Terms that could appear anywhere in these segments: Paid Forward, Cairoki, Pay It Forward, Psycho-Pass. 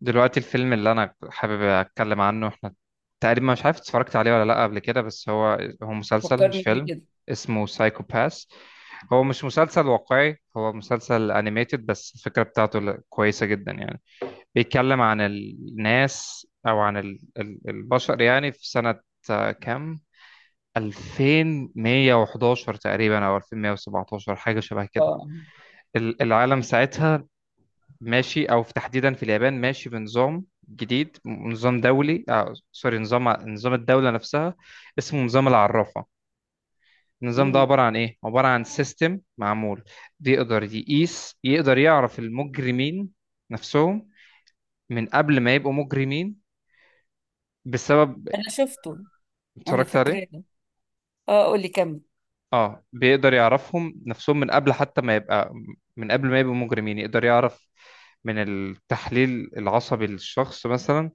دلوقتي الفيلم اللي انا حابب اتكلم عنه احنا تقريبا مش عارف اتفرجت عليه ولا لا قبل كده، بس هو مسلسل مش فكرني بيه فيلم. كده. اسمه سايكو باس. هو مش مسلسل واقعي، هو مسلسل انيميتد، بس الفكرة بتاعته كويسة جدا يعني. بيتكلم عن الناس او عن البشر، يعني في سنة كام، 2111 تقريبا او 2117، حاجة شبه كده. اه. العالم ساعتها ماشي، او في تحديدا في اليابان، ماشي بنظام جديد، نظام دولي، سوري، نظام الدوله نفسها، اسمه نظام العرافه. النظام ده امم عباره عن ايه؟ عباره عن سيستم معمول، بيقدر يقيس، يقدر يعرف المجرمين نفسهم من قبل ما يبقوا مجرمين. بسبب... انا شفته. انا اتفرجت عليه. فاكراه. اه، قولي كمل. اه، بيقدر يعرفهم نفسهم من قبل حتى ما يبقى، من قبل ما يبقوا مجرمين يقدر يعرف من التحليل العصبي للشخص مثلا،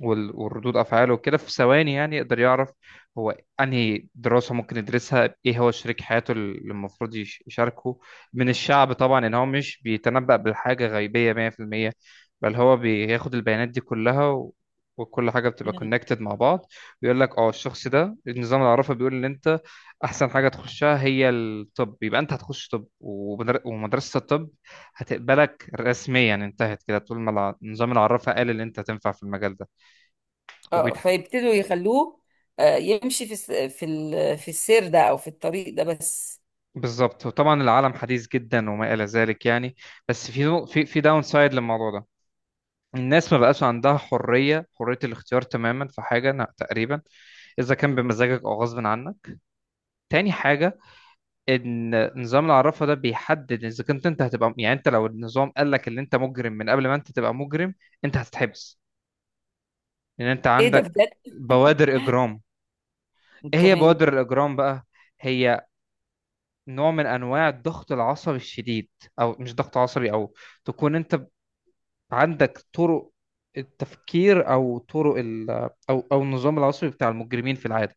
وردود افعاله وكده في ثواني، يعني يقدر يعرف هو انهي دراسه ممكن يدرسها، ايه هو شريك حياته اللي المفروض يشاركه من الشعب طبعا. ان هو مش بيتنبأ بالحاجه غيبيه 100%، بل هو بياخد البيانات دي كلها وكل حاجه بتبقى مم. كونكتد مع بعض. بيقول لك اه، الشخص ده، النظام العرفي بيقول ان انت احسن حاجه تخشها هي الطب، يبقى انت هتخش طب ومدرسه الطب هتقبلك رسميا. انتهت كده، طول ما النظام العرفي قال ان انت هتنفع في المجال ده. اه، وبيتح... فيبتدوا يخلوه، يمشي في السير ده او في الطريق ده بس. بالظبط، وطبعا العالم حديث جدا وما إلى ذلك يعني. بس في في داون سايد للموضوع ده. الناس ما بقاش عندها حرية الاختيار تماما في حاجة، تقريبا. إذا كان بمزاجك أو غصب عنك. تاني حاجة، إن نظام العرافة ده بيحدد، إذا كنت أنت هتبقى يعني، أنت لو النظام قال لك إن أنت مجرم، من قبل ما أنت تبقى مجرم أنت هتتحبس، لأن أنت ايه ده عندك بجد؟ بوادر إجرام. إيه هي تمام، بوادر الإجرام بقى؟ هي نوع من انواع الضغط العصبي الشديد، او مش ضغط عصبي، او تكون انت عندك طرق التفكير، او طرق او النظام العصبي بتاع المجرمين في العاده.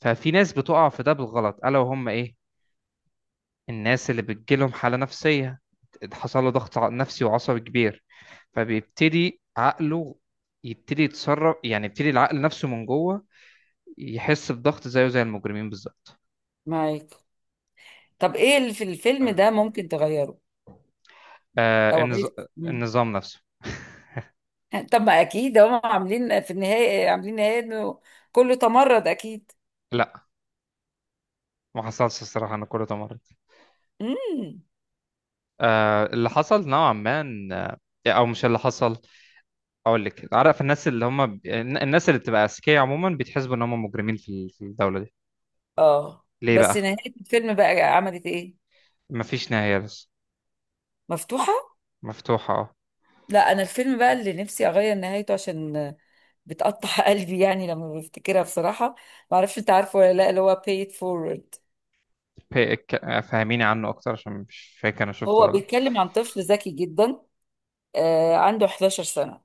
ففي ناس بتقع في ده بالغلط، الا وهم ايه؟ الناس اللي بتجيلهم حاله نفسيه، حصل له ضغط نفسي وعصبي كبير، فبيبتدي عقله يبتدي يتصرف، يعني يبتدي العقل نفسه من جوه يحس بضغط زيه زي المجرمين بالظبط. معاك. طب ايه اللي في الفيلم ده ممكن تغيره آه او النظ... عايز؟ مم. النظام نفسه. طب ما اكيد هم عاملين في النهايه، عاملين نهايه انه كله تمرد اكيد. لا، ما حصلش الصراحه، انا كله ده مرة. امم. اللي حصل نوعا ما او مش اللي حصل. اقول لك، عارف الناس اللي هم الناس اللي بتبقى اذكياء عموما، بيتحسبوا ان هم مجرمين في في الدوله دي. اه، ليه بقى؟ بس نهايه الفيلم بقى عملت ايه؟ مفيش نهايه، بس مفتوحه. مفتوحه. اه. لا، انا الفيلم بقى اللي نفسي اغير نهايته عشان بتقطع قلبي يعني لما بفتكرها بصراحة. ما اعرفش انت عارفه ولا لا، اللي هو Pay It Forward. فهميني عنه اكتر، عشان مش فاكر انا شفته هو ولا لأ. بيتكلم عن طفل ذكي جدا، عنده 11 سنة،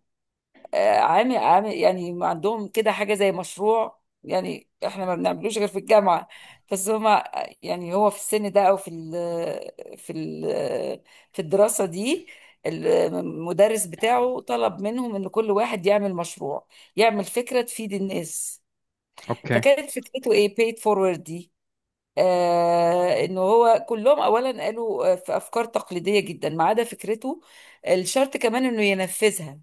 عامل يعني عندهم كده حاجة زي مشروع، يعني احنا ما بنعملوش غير في الجامعة. بس هما يعني هو في السن ده، او في ال في ال في الدراسة دي، المدرس بتاعه طلب منهم ان كل واحد يعمل مشروع، يعمل فكرة تفيد الناس. اوكي. فكانت فكرته ايه paid forward دي، آه، انه هو كلهم اولا قالوا، في افكار تقليدية جدا ما عدا فكرته. الشرط كمان انه ينفذها.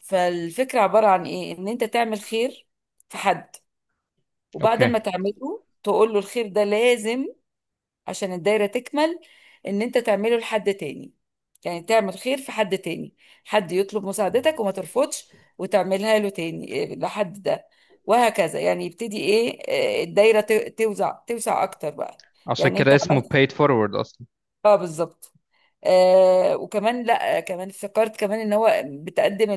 فالفكرة عبارة عن ايه؟ ان انت تعمل خير في حد، وبعد اوكي. ما تعمله تقول له الخير ده لازم عشان الدايرة تكمل، ان انت تعمله لحد تاني، يعني تعمل خير في حد تاني، حد يطلب مساعدتك وما ترفضش، وتعملها له تاني لحد ده، وهكذا يعني يبتدي ايه، الدايرة توسع اكتر بقى. عشان يعني انت كده اسمه عملت، paid forward اصلا. اه بالظبط. وكمان لا، كمان افتكرت كمان ان هو بتقدم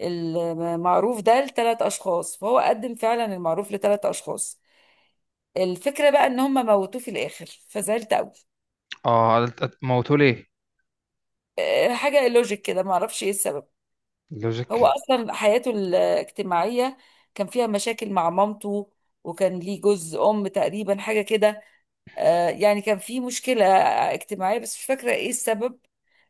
المعروف ده لثلاث اشخاص، فهو قدم فعلا المعروف لثلاث اشخاص. الفكره بقى ان هم موتوه في الاخر فزعلت قوي. اه، موتوا ليه؟ حاجه لوجيك كده، ما اعرفش ايه السبب. هو لوجيك. اصلا حياته الاجتماعيه كان فيها مشاكل مع مامته، وكان ليه جوز ام تقريبا حاجه كده. يعني كان في مشكلة اجتماعية بس مش فاكرة ايه السبب،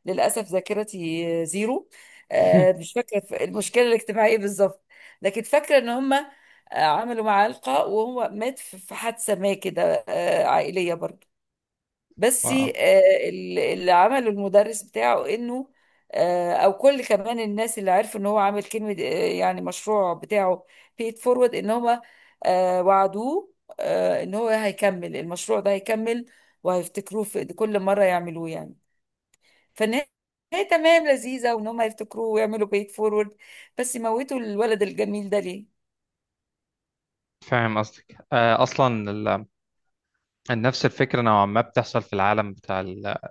للأسف ذاكرتي زيرو. مش فاكرة المشكلة الاجتماعية بالظبط، لكن فاكرة ان هم عملوا معاه لقاء وهو مات في حادثة ما كده، عائلية برضه. بس واو. اللي عمله المدرس بتاعه انه، او كل كمان الناس اللي عرفوا ان هو عامل كلمه، يعني مشروع بتاعه بيت فورورد، ان هما وعدوه ان هو هيكمل المشروع ده، هيكمل وهيفتكروه في كل مره يعملوه يعني. فالنهايه تمام لذيذه، وان هم يفتكروه ويعملوا بيت فورورد. بس موتوا الولد الجميل ده ليه؟ فاهم قصدك. اصلا نفس الفكرة نوعا ما بتحصل في العالم بتاع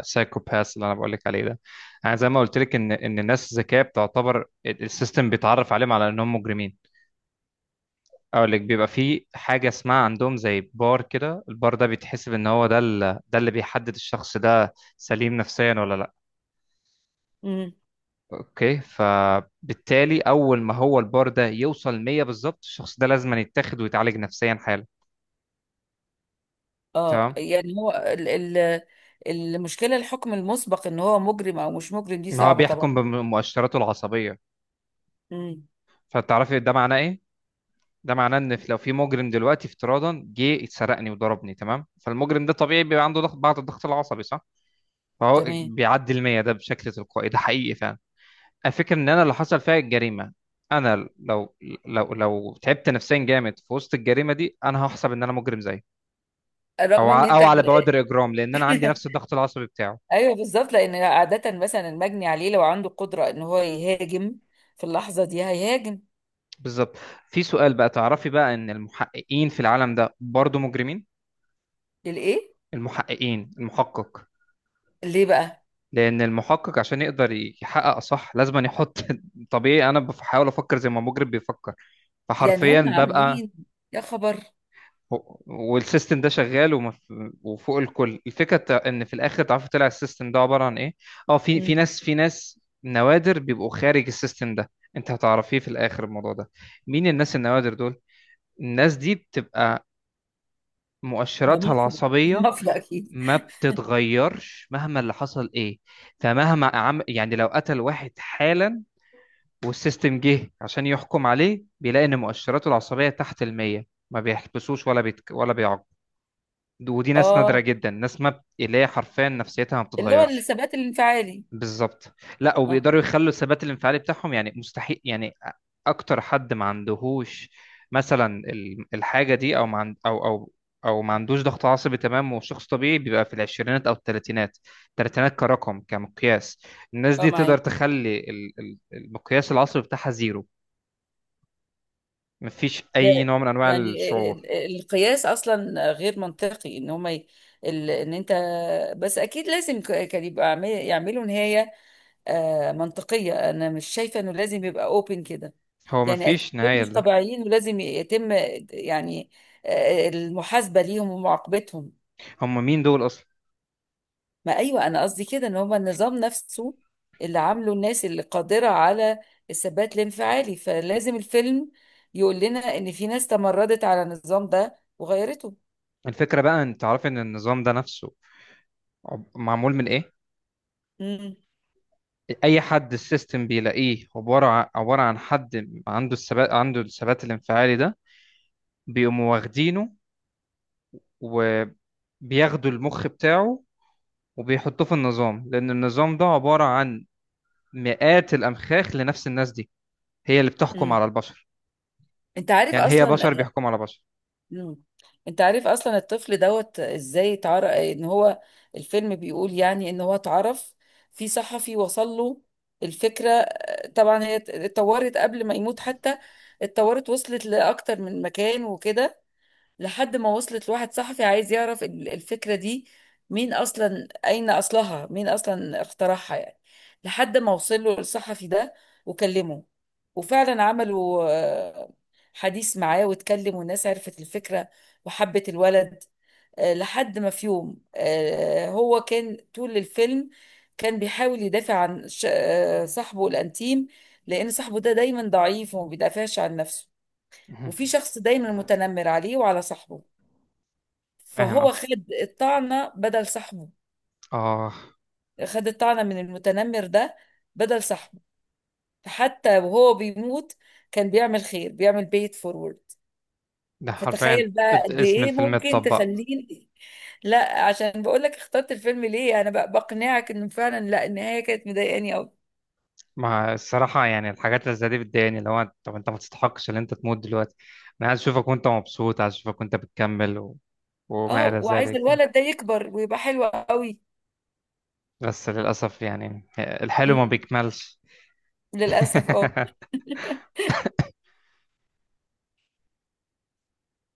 السايكوباث اللي أنا بقولك عليه ده. أنا زي ما قلت لك إن الناس ذكية بتعتبر السيستم بيتعرف عليهم على إنهم مجرمين. أقول لك، بيبقى في حاجة اسمها عندهم زي بار كده، البار ده بيتحسب إن هو ده، ده اللي بيحدد الشخص ده سليم نفسيا ولا لأ. مم. أوكي، فبالتالي أول ما هو البار ده يوصل 100 بالظبط، الشخص ده لازم يتاخد ويتعالج نفسيا حالا. اه، تمام. يعني هو المشكله، الحكم المسبق ان هو مجرم او مش مجرم دي ما هو صعبه طبعا. بيحكم بمؤشراته العصبية. امم. فتعرفي ده معناه إيه؟ ده معناه ان لو في مجرم دلوقتي افتراضا جه اتسرقني وضربني، تمام، فالمجرم ده طبيعي بيبقى عنده ضغط، بعض الضغط العصبي، صح؟ فهو تمام. بيعدي المية ده بشكل تلقائي، ده حقيقي فعلا. الفكرة ان انا اللي حصل فيها الجريمة، انا لو تعبت نفسيا جامد في وسط الجريمة دي، انا هحسب ان انا مجرم زيه، رغم ان انت او على بوادر اجرام، لان انا عندي نفس الضغط العصبي بتاعه. ايوه بالظبط، لان عاده مثلا المجني عليه لو عنده قدره ان هو يهاجم في اللحظه دي هيهاجم. بالظبط. في سؤال بقى، تعرفي بقى ان المحققين في العالم ده برضه مجرمين؟ للايه؟ المحقق، ليه بقى؟ لان المحقق عشان يقدر يحقق صح لازم أن يحط طبيعي، انا بحاول افكر زي ما المجرم بيفكر، يعني فحرفيا هم ببقى... عاملين، يا خبر. والسيستم ده شغال وفوق الكل الفكره، ان في الاخر تعرفوا طلع السيستم ده عباره عن ايه. اه، امم. في ناس نوادر بيبقوا خارج السيستم ده. انت هتعرفيه في الاخر، الموضوع ده، مين الناس النوادر دول؟ الناس دي بتبقى ده مؤشراتها مفيد العصبيه مافيا اكيد. ما بتتغيرش مهما اللي حصل ايه. يعني لو قتل واحد حالا والسيستم جه عشان يحكم عليه، بيلاقي ان مؤشراته العصبيه تحت المية، ما بيحبسوش ولا ولا بيعاقب. ودي ناس نادره اه، جدا، ناس ما بت... اللي هي حرفيا نفسيتها ما اللي هو بتتغيرش. الثبات الانفعالي. بالظبط، لا، اه. وبيقدروا يخلوا الثبات الانفعالي بتاعهم، يعني مستحيل يعني اكتر حد ما عندهوش مثلا الحاجه دي، او ما عندوش ضغط عصبي. تمام، وشخص طبيعي بيبقى في العشرينات او الثلاثينات. الثلاثينات كرقم كمقياس. الناس اه دي معايا. تقدر تخلي المقياس العصبي بتاعها زيرو. مفيش ده اي نوع من انواع يعني الشعور. القياس اصلا غير منطقي ان هم ي... ان انت، بس اكيد لازم كان يبقى يعملوا نهايه منطقية. أنا مش شايفة إنه لازم يبقى أوبن كده. هو يعني أكيد مفيش دول نهايه مش لده. طبيعيين ولازم يتم، يعني المحاسبة ليهم ومعاقبتهم. هم مين دول اصلا؟ ما أيوة، أنا قصدي كده إن هما النظام نفسه اللي عامله الناس اللي قادرة على الثبات الانفعالي، فلازم الفيلم يقول لنا إن في ناس تمردت على النظام ده وغيرته. الفكره بقى، انت عارف ان النظام ده نفسه معمول من ايه؟ امم. اي حد السيستم بيلاقيه عباره عباره عن حد عنده الثبات، عنده الثبات الانفعالي ده، بيقوموا واخدينه، وبياخدوا المخ بتاعه، وبيحطوه في النظام، لان النظام ده عباره عن مئات الامخاخ لنفس الناس دي، هي اللي بتحكم امم. على البشر. أنت عارف يعني هي أصلا. بشر بيحكموا على بشر. مم. انت عارف اصلا الطفل دوت ازاي اتعرف ان هو، الفيلم بيقول يعني ان هو اتعرف، في صحفي وصل له الفكرة. طبعا هي اتطورت قبل ما يموت حتى، اتطورت وصلت لأكتر من مكان وكده، لحد ما وصلت لواحد صحفي عايز يعرف الفكرة دي مين أصلا، أين أصلها، مين أصلا اخترعها يعني، لحد ما وصل له الصحفي ده وكلمه، وفعلا عملوا حديث معاه واتكلم، والناس عرفت الفكرة وحبت الولد. لحد ما في يوم، هو كان طول الفيلم كان بيحاول يدافع عن صاحبه الأنتيم لأن صاحبه ده دايما ضعيف وما بيدافعش عن نفسه، مهم. وفي شخص دايما متنمر عليه وعلى صاحبه، فاهم، فهو اه. خد الطعنة بدل صاحبه. آه. خد الطعنة من المتنمر ده بدل صاحبه. فحتى وهو بيموت كان بيعمل خير، بيعمل بيت فورورد. ده حرفيا فتخيل بقى قد اسم ايه الفيلم ممكن اتطبق. تخليني. لا، عشان بقول لك اخترت الفيلم ليه، انا بقى بقنعك انه فعلا، لا، النهاية كانت مضايقاني قوي. ما الصراحة يعني، الحاجات اللي زي دي بتضايقني، اللي هو طب انت ما تستحقش ان انت تموت دلوقتي. انا عايز اشوفك وانت مبسوط، عايز اشوفك وانت بتكمل وما الى اه، وعايزة ذلك. الولد ده يكبر ويبقى حلو قوي. بس للاسف يعني الحلو ما امم. بيكملش. للأسف اه.